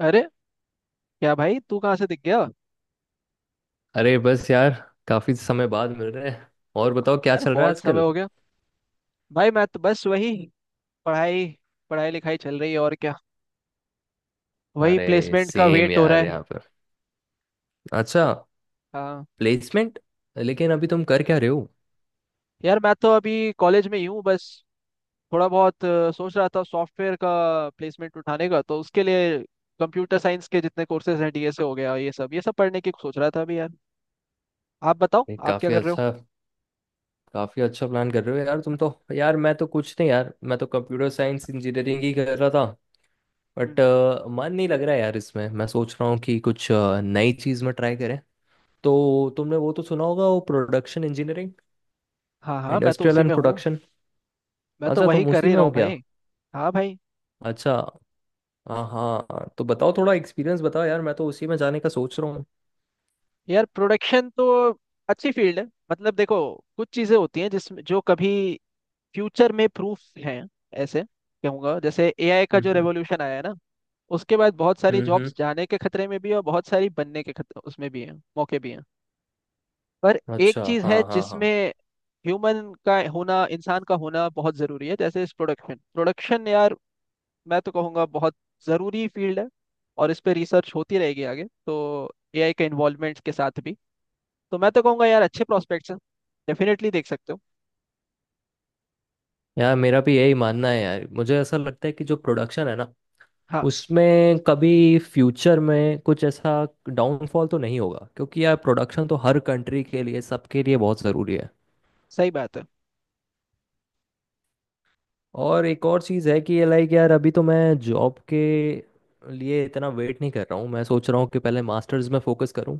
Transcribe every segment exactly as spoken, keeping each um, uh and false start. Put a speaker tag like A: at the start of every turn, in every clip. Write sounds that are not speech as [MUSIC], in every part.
A: अरे, क्या भाई तू कहाँ से दिख गया।
B: अरे बस यार, काफी समय बाद मिल रहे हैं। और बताओ, क्या
A: यार
B: चल रहा है
A: बहुत समय
B: आजकल।
A: हो गया। भाई मैं तो बस वही पढ़ाई पढ़ाई लिखाई चल रही है, और क्या। वही
B: अरे
A: प्लेसमेंट का
B: सेम
A: वेट हो रहा
B: यार
A: है।
B: यहाँ पर। अच्छा।
A: हाँ।
B: प्लेसमेंट। लेकिन अभी तुम कर क्या रहे हो।
A: यार मैं तो अभी कॉलेज में ही हूँ बस। थोड़ा बहुत अ, सोच रहा था सॉफ्टवेयर का प्लेसमेंट उठाने का, तो उसके लिए कंप्यूटर साइंस के जितने कोर्सेज हैं, डीएसए हो गया, ये सब ये सब पढ़ने की सोच रहा था अभी यार। आप बताओ,
B: ये
A: आप क्या
B: काफी
A: कर रहे हो।
B: अच्छा, काफी अच्छा प्लान कर रहे हो यार तुम तो। यार मैं तो कुछ नहीं। यार मैं तो कंप्यूटर साइंस इंजीनियरिंग ही कर रहा था। बट
A: हम्म।
B: मन नहीं लग रहा है यार इसमें। मैं सोच रहा हूँ कि कुछ अ, नई चीज में ट्राई करें। तो तुमने वो तो सुना होगा, वो प्रोडक्शन इंजीनियरिंग,
A: हाँ हाँ, मैं तो
B: इंडस्ट्रियल
A: उसी
B: एंड
A: में हूँ।
B: प्रोडक्शन।
A: मैं तो
B: अच्छा,
A: वही
B: तुम
A: कर
B: उसी
A: ही
B: में
A: रहा
B: हो
A: हूँ
B: क्या।
A: भाई। हाँ भाई।
B: अच्छा। हाँ हाँ, तो बताओ थोड़ा एक्सपीरियंस बताओ। यार मैं तो उसी में जाने का सोच रहा हूँ।
A: यार प्रोडक्शन तो अच्छी फील्ड है। मतलब देखो, कुछ चीजें होती हैं जिसमें जो कभी फ्यूचर में प्रूफ हैं, ऐसे कहूंगा। जैसे एआई का
B: हम्म
A: जो
B: हम्म।
A: रेवोल्यूशन आया है ना, उसके बाद बहुत सारी
B: हम्म हम्म।
A: जॉब्स जाने के खतरे में भी है, और बहुत सारी बनने के खतरे उसमें भी है, मौके भी हैं। पर एक
B: अच्छा,
A: चीज है
B: हाँ हाँ हाँ।
A: जिसमें ह्यूमन का होना, इंसान का होना बहुत जरूरी है। जैसे इस प्रोडक्शन प्रोडक्शन यार, मैं तो कहूँगा बहुत जरूरी फील्ड है। और इस पे रिसर्च होती रहेगी आगे, तो एआई के इन्वॉल्वमेंट के साथ भी। तो मैं तो कहूंगा यार, अच्छे प्रोस्पेक्ट्स हैं, डेफिनेटली देख सकते हो।
B: यार मेरा भी यही मानना है। यार मुझे ऐसा लगता है कि जो प्रोडक्शन है ना,
A: हाँ।
B: उसमें कभी फ्यूचर में कुछ ऐसा डाउनफॉल तो नहीं होगा, क्योंकि यार प्रोडक्शन तो हर कंट्री के लिए, सबके लिए बहुत ज़रूरी है।
A: सही बात है।
B: और एक और चीज़ है कि ये लाइक यार अभी तो मैं जॉब के लिए इतना वेट नहीं कर रहा हूँ। मैं सोच रहा हूँ कि पहले मास्टर्स में फोकस करूँ,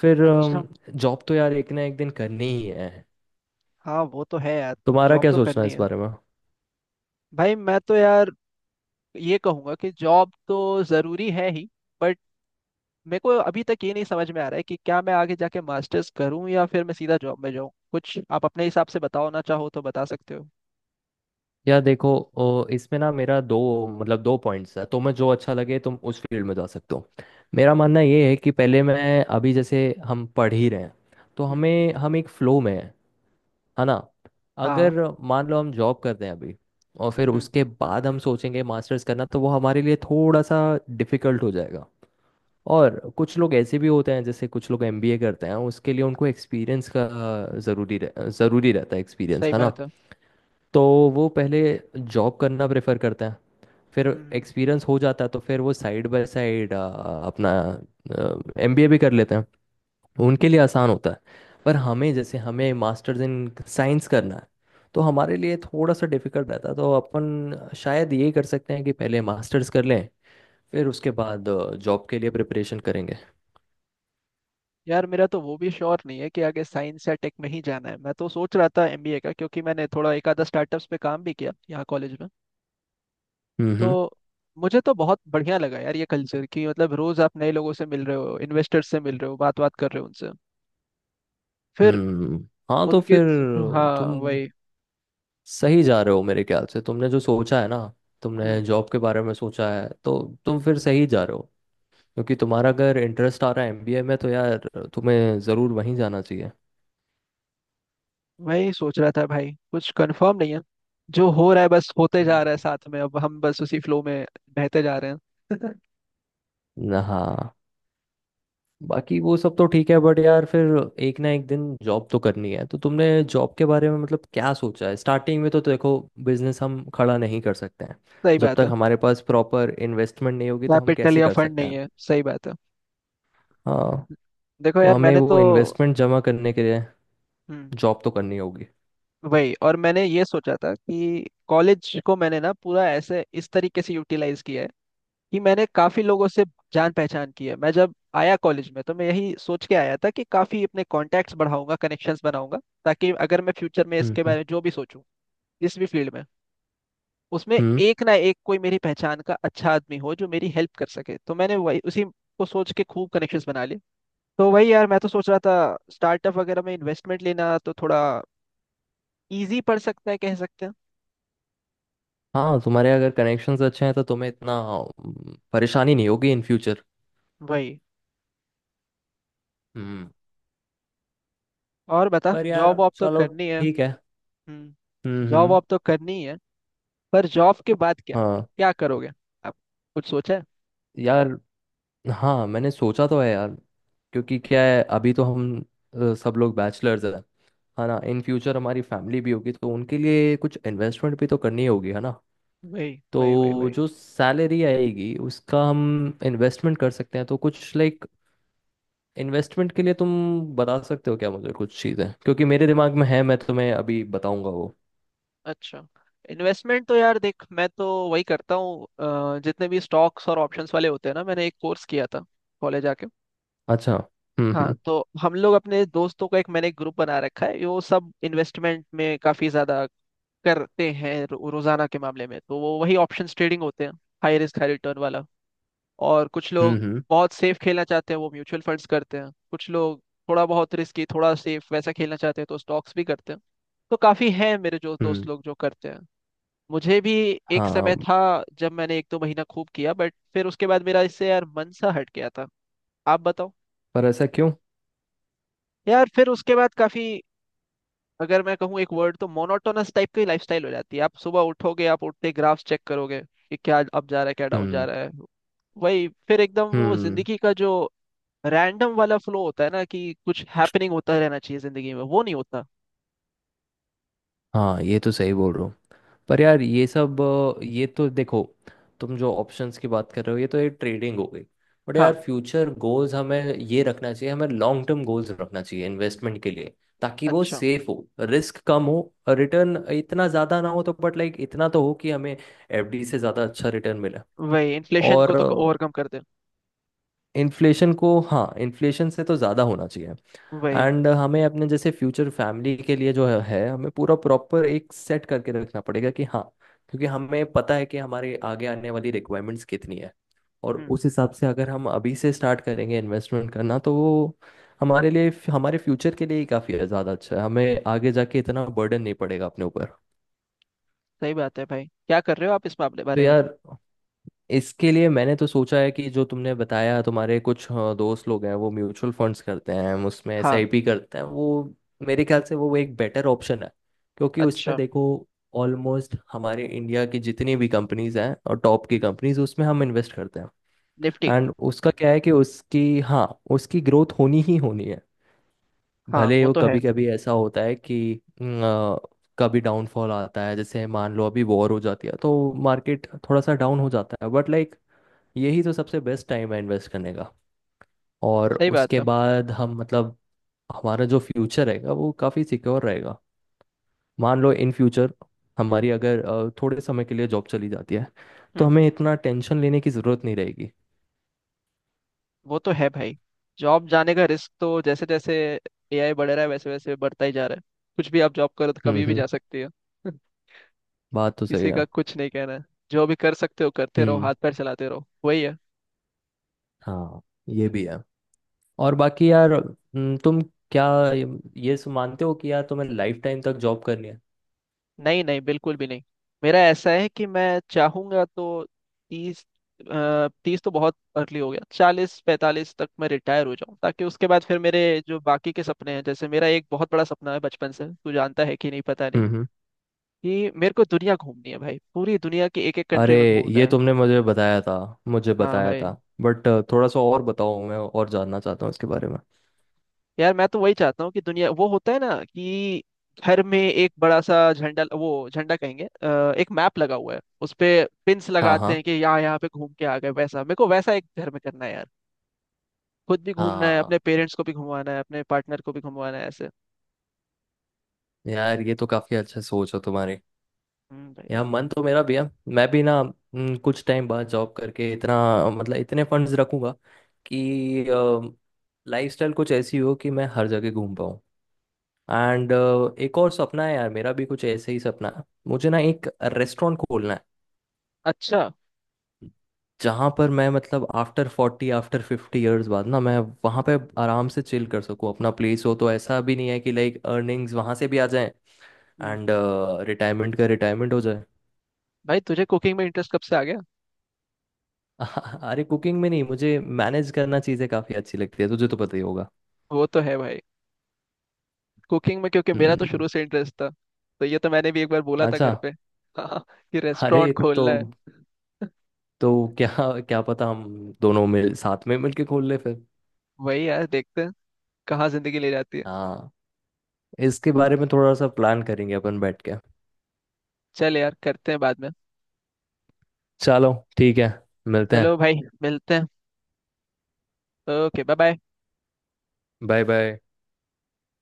B: फिर
A: अच्छा।
B: जॉब तो यार एक ना एक दिन करनी ही है।
A: हाँ, वो तो है यार।
B: तुम्हारा
A: जॉब
B: क्या
A: तो
B: सोचना है
A: करनी
B: इस
A: है।
B: बारे में।
A: भाई मैं तो यार ये कहूंगा कि जॉब तो ज़रूरी है ही। बट मेरे को अभी तक ये नहीं समझ में आ रहा है कि क्या मैं आगे जाके मास्टर्स करूँ या फिर मैं सीधा जॉब में जाऊँ। कुछ आप अपने हिसाब से बताओ ना, चाहो तो बता सकते हो।
B: यार देखो, ओ, इसमें ना मेरा दो, मतलब दो पॉइंट्स है। तुम्हें जो अच्छा लगे तुम उस फील्ड में जा सकते हो। मेरा मानना ये है कि पहले मैं, अभी जैसे हम पढ़ ही रहे हैं, तो
A: हम्म।
B: हमें, हम एक फ्लो में हैं, है ना।
A: हाँ।
B: अगर मान लो हम जॉब करते हैं अभी, और फिर
A: हम्म।
B: उसके बाद हम सोचेंगे मास्टर्स करना, तो वो हमारे लिए थोड़ा सा डिफिकल्ट हो जाएगा। और कुछ लोग ऐसे भी होते हैं, जैसे कुछ लोग एमबीए करते हैं, उसके लिए उनको एक्सपीरियंस का ज़रूरी रह, ज़रूरी रहता है एक्सपीरियंस,
A: सही
B: है ना।
A: बात है।
B: तो वो पहले जॉब करना प्रेफर करते हैं, फिर
A: हम्म।
B: एक्सपीरियंस हो जाता है तो फिर वो साइड बाय साइड अपना एमबीए भी कर लेते हैं। उनके लिए आसान होता है। पर हमें, जैसे हमें मास्टर्स इन साइंस करना है, तो हमारे लिए थोड़ा सा डिफिकल्ट रहता है। तो अपन शायद ये कर सकते हैं कि पहले मास्टर्स कर लें, फिर उसके बाद जॉब के लिए प्रिपरेशन करेंगे।
A: यार मेरा तो वो भी श्योर नहीं है कि आगे साइंस या टेक में ही जाना है। मैं तो सोच रहा था एमबीए का, क्योंकि मैंने थोड़ा एक आधा स्टार्टअप्स पे काम भी किया यहाँ कॉलेज में,
B: हम्म
A: तो
B: हम्म।
A: मुझे तो बहुत बढ़िया लगा यार ये कल्चर। कि मतलब रोज आप नए लोगों से मिल रहे हो, इन्वेस्टर्स से मिल रहे हो, बात बात कर रहे हो उनसे, फिर
B: हम्म। हाँ, तो
A: उनके
B: फिर
A: थ्रू- हाँ,
B: तुम
A: वही।
B: सही जा रहे हो मेरे ख्याल से। तुमने जो सोचा है ना, तुमने
A: हम्म।
B: जॉब के बारे में सोचा है, तो तुम फिर सही जा रहे हो। क्योंकि तुम्हारा अगर इंटरेस्ट आ रहा है एमबीए में, तो यार तुम्हें ज़रूर वहीं जाना चाहिए।
A: वही सोच रहा था भाई, कुछ कंफर्म नहीं है। जो हो रहा है बस होते जा
B: हम्म।
A: रहा है, साथ में अब हम बस उसी फ्लो में बहते जा रहे हैं।
B: न- हाँ। बाकी वो सब तो ठीक है बट यार फिर एक ना एक दिन जॉब तो करनी है। तो तुमने जॉब के बारे में मतलब क्या सोचा है स्टार्टिंग में। तो देखो, बिजनेस हम खड़ा नहीं कर सकते हैं।
A: सही
B: जब
A: बात
B: तक
A: है।
B: हमारे पास प्रॉपर इन्वेस्टमेंट नहीं होगी तो हम
A: कैपिटल
B: कैसे
A: या
B: कर
A: फंड
B: सकते
A: नहीं
B: हैं।
A: है, सही बात है।
B: हाँ।
A: देखो
B: तो
A: यार
B: हमें
A: मैंने तो।
B: वो इन्वेस्टमेंट जमा करने के लिए
A: हम्म।
B: जॉब तो करनी होगी।
A: वही, और मैंने ये सोचा था कि कॉलेज को मैंने ना पूरा ऐसे इस तरीके से यूटिलाइज किया है कि मैंने काफी लोगों से जान पहचान की है। मैं जब आया कॉलेज में तो मैं यही सोच के आया था कि काफी अपने कॉन्टैक्ट्स बढ़ाऊंगा, कनेक्शंस बनाऊंगा। ताकि अगर मैं फ्यूचर में
B: हम्म
A: इसके बारे
B: हम्म।
A: में जो भी सोचूं, जिस भी फील्ड में, उसमें
B: हम्म।
A: एक ना एक कोई मेरी पहचान का अच्छा आदमी हो जो मेरी हेल्प कर सके। तो मैंने वही उसी को सोच के खूब कनेक्शंस बना लिए। तो वही यार, मैं तो सोच रहा था स्टार्टअप वगैरह में इन्वेस्टमेंट लेना तो थोड़ा इजी पड़ सकता है, कह सकते हैं।
B: हाँ, तुम्हारे अगर कनेक्शंस अच्छे हैं तो तुम्हें इतना अम, परेशानी नहीं होगी इन फ्यूचर।
A: वही।
B: हम्म।
A: और बता,
B: पर
A: जॉब
B: यार
A: वॉब तो
B: चलो,
A: करनी है।
B: ठीक है।
A: हम्म।
B: हम्म
A: जॉब
B: हम्म।
A: वॉब तो करनी है। पर जॉब के बाद क्या,
B: हाँ।
A: क्या करोगे आप, कुछ सोचा है।
B: यार, हाँ मैंने सोचा तो है यार। क्योंकि क्या है, अभी तो हम अ, सब लोग बैचलर्स हैं। है ना, इन फ्यूचर हमारी फैमिली भी होगी तो उनके लिए कुछ इन्वेस्टमेंट भी तो करनी होगी, है ना।
A: वही वही वही
B: तो
A: वही।
B: जो सैलरी आएगी उसका हम इन्वेस्टमेंट कर सकते हैं। तो कुछ लाइक, इन्वेस्टमेंट के लिए तुम बता सकते हो क्या मुझे कुछ चीज़ें, क्योंकि मेरे दिमाग में है मैं तुम्हें अभी बताऊंगा वो।
A: अच्छा। इन्वेस्टमेंट तो यार देख, मैं तो वही करता हूँ। अ, जितने भी स्टॉक्स और ऑप्शंस वाले होते हैं ना, मैंने एक कोर्स किया था कॉलेज आके।
B: अच्छा। हम्म
A: हाँ।
B: हम्म।
A: तो हम लोग अपने दोस्तों का एक, मैंने एक ग्रुप बना रखा है, वो सब इन्वेस्टमेंट में काफी ज्यादा करते हैं। रो, रोजाना के मामले में तो वो वही ऑप्शंस ट्रेडिंग होते हैं, हाई रिस्क हाई रिटर्न वाला। और कुछ
B: हम्म
A: लोग
B: हम्म।
A: बहुत सेफ खेलना चाहते हैं, वो म्यूचुअल फंड्स करते हैं। कुछ लोग थोड़ा बहुत रिस्की थोड़ा सेफ वैसा खेलना चाहते हैं तो स्टॉक्स भी करते हैं। तो काफ़ी हैं मेरे जो दोस्त
B: हम्म।
A: लोग जो करते हैं। मुझे भी एक
B: हाँ।
A: समय था जब मैंने एक दो महीना खूब किया, बट फिर उसके बाद मेरा इससे यार मन सा हट गया था। आप बताओ।
B: पर ऐसा क्यों।
A: यार फिर उसके बाद काफ़ी, अगर मैं कहूँ एक वर्ड, तो मोनोटोनस टाइप की लाइफस्टाइल हो जाती है। आप सुबह उठोगे, आप उठते ग्राफ्स चेक करोगे कि क्या अप जा रहा है क्या डाउन जा
B: हम्म
A: रहा है। वही फिर एकदम वो
B: हम्म।
A: जिंदगी का जो रैंडम वाला फ्लो होता है ना, कि कुछ हैपनिंग होता रहना चाहिए जिंदगी में, वो नहीं होता।
B: हाँ, ये तो सही बोल रहा। पर यार ये सब अ, ये तो देखो, तुम जो ऑप्शंस की बात कर रहे हो ये तो ये ट्रेडिंग हो गई। बट
A: हाँ।
B: यार, फ्यूचर गोल्स हमें ये रखना चाहिए, हमें लॉन्ग टर्म गोल्स रखना चाहिए इन्वेस्टमेंट के लिए। ताकि वो
A: अच्छा।
B: सेफ हो, रिस्क कम हो, रिटर्न इतना ज़्यादा ना हो तो बट लाइक इतना तो हो कि हमें एफडी से ज़्यादा अच्छा रिटर्न मिले।
A: वही इन्फ्लेशन को
B: और
A: तो ओवरकम कर दे।
B: इन्फ्लेशन को, हाँ, इन्फ्लेशन से तो ज़्यादा होना चाहिए।
A: वही।
B: एंड हमें अपने जैसे फ्यूचर फैमिली के लिए जो है है, हमें पूरा प्रॉपर एक सेट करके रखना पड़ेगा कि हाँ, क्योंकि हमें पता है कि हमारे आगे आने वाली रिक्वायरमेंट्स कितनी है। और
A: हम्म।
B: उस हिसाब से अगर हम अभी से स्टार्ट करेंगे इन्वेस्टमेंट करना तो वो हमारे लिए, हमारे फ्यूचर के लिए ही काफ़ी ज़्यादा अच्छा है। हमें आगे जाके इतना बर्डन नहीं पड़ेगा अपने ऊपर।
A: सही बात है भाई, क्या कर रहे हो आप इस मामले
B: तो
A: बारे में।
B: यार इसके लिए मैंने तो सोचा है कि जो तुमने बताया तुम्हारे कुछ अ, दोस्त लोग हैं वो म्यूचुअल फंड्स करते हैं, उसमें
A: हाँ।
B: एसआईपी करते हैं वो, मेरे ख्याल से वो एक बेटर ऑप्शन है। क्योंकि उसमें
A: अच्छा।
B: देखो, ऑलमोस्ट हमारे इंडिया की जितनी भी कंपनीज हैं और टॉप की
A: हम्म,
B: कंपनीज, उसमें हम इन्वेस्ट करते हैं।
A: निफ्टी।
B: एंड उसका क्या है कि उसकी, हाँ, उसकी ग्रोथ होनी ही होनी है।
A: हाँ
B: भले
A: वो
B: वो,
A: तो है।
B: कभी कभी ऐसा होता है कि न, अ, कभी डाउनफॉल आता है, जैसे मान लो अभी वॉर हो जाती है तो मार्केट थोड़ा सा डाउन हो जाता है, बट लाइक यही तो सबसे बेस्ट टाइम है इन्वेस्ट करने का। और
A: सही बात
B: उसके
A: है।
B: बाद हम, मतलब हमारा जो फ्यूचर रहेगा वो काफ़ी सिक्योर रहेगा। मान लो इन फ्यूचर हमारी अगर अ, थोड़े समय के लिए जॉब चली जाती है तो
A: हम्म।
B: हमें इतना टेंशन लेने की ज़रूरत नहीं रहेगी।
A: वो तो है भाई। जॉब जाने का रिस्क तो जैसे जैसे एआई बढ़ रहा है वैसे वैसे बढ़ता ही जा रहा है। कुछ भी आप जॉब करो तो
B: हम्म
A: कभी भी
B: हम्म।
A: जा सकती है। [LAUGHS]
B: बात तो सही
A: किसी
B: है।
A: का कुछ नहीं कहना है। जो भी कर सकते हो करते रहो,
B: हम्म।
A: हाथ पैर चलाते रहो, वही है।
B: हाँ, ये भी है। और बाकी यार हम्म, तुम क्या, ये ये सु- मानते हो कि यार तुम्हें लाइफ टाइम तक जॉब करनी है।
A: नहीं नहीं, बिल्कुल भी नहीं। मेरा ऐसा है कि मैं चाहूंगा तो तीस, तीस तो बहुत अर्ली हो गया, चालीस पैंतालीस तक मैं रिटायर हो जाऊं, ताकि उसके बाद फिर मेरे जो बाकी के सपने हैं। जैसे मेरा एक बहुत बड़ा सपना है बचपन से, तू जानता है कि नहीं पता नहीं,
B: हम्म।
A: कि मेरे को दुनिया घूमनी है भाई। पूरी दुनिया की एक एक कंट्री
B: अरे,
A: में घूमना
B: ये
A: है।
B: तुमने मुझे बताया था, मुझे
A: हाँ
B: बताया
A: भाई।
B: था। बट थोड़ा सा और बताओ, मैं और जानना चाहता हूँ इसके बारे में।
A: यार मैं तो वही चाहता हूँ कि दुनिया, वो होता है ना कि घर में एक बड़ा सा झंडा, वो झंडा कहेंगे, अ, एक मैप लगा हुआ है, उस पे पिंस
B: हाँ
A: लगाते
B: हाँ।
A: हैं कि यहाँ यहाँ पे घूम के आ गए, वैसा मेरे को वैसा एक घर में करना है यार। खुद भी घूमना है, अपने
B: हाँ
A: पेरेंट्स को भी घुमाना है, अपने पार्टनर को भी घुमाना है, ऐसे।
B: यार, ये तो काफी अच्छा सोच है तुम्हारी।
A: हम्म भाई।
B: यार मन तो मेरा भी है। मैं भी ना हम्म, कुछ टाइम बाद जॉब करके इतना, मतलब इतने फंड्स रखूंगा कि लाइफस्टाइल कुछ ऐसी हो कि मैं हर जगह घूम पाऊँ। एंड एक और सपना है यार मेरा, भी कुछ ऐसे ही सपना है, मुझे ना एक रेस्टोरेंट खोलना है
A: अच्छा।
B: जहाँ पर मैं, मतलब after forty, after fifty years बाद ना, मैं वहाँ पे आराम से चिल कर सकूँ। अपना प्लेस हो तो ऐसा भी नहीं है कि लाइक अर्निंग्स वहाँ से भी आ जाए
A: हम्म।
B: एंड रिटायरमेंट का रिटायरमेंट हो जाए।
A: भाई तुझे कुकिंग में इंटरेस्ट कब से आ गया।
B: [LAUGHS] अरे कुकिंग में नहीं, मुझे मैनेज करना, चीज़ें काफ़ी अच्छी लगती है, तुझे तो पता ही होगा।
A: वो तो है भाई। कुकिंग में क्योंकि मेरा तो
B: हम्म।
A: शुरू से इंटरेस्ट था, तो ये तो मैंने भी एक बार बोला था
B: अच्छा।
A: घर पे, [LAUGHS] हाँ। कि रेस्टोरेंट
B: अरे तो
A: खोलना है।
B: तो क्या, क्या पता हम दोनों मिल, साथ में मिलके खोल ले फिर।
A: वही यार देखते हैं कहाँ जिंदगी ले जाती है।
B: हाँ, इसके बारे में थोड़ा सा प्लान करेंगे अपन बैठ के।
A: चल यार करते हैं बाद में।
B: चलो ठीक है, मिलते हैं।
A: चलो भाई। मिलते हैं। Okay, bye bye.
B: Bye bye.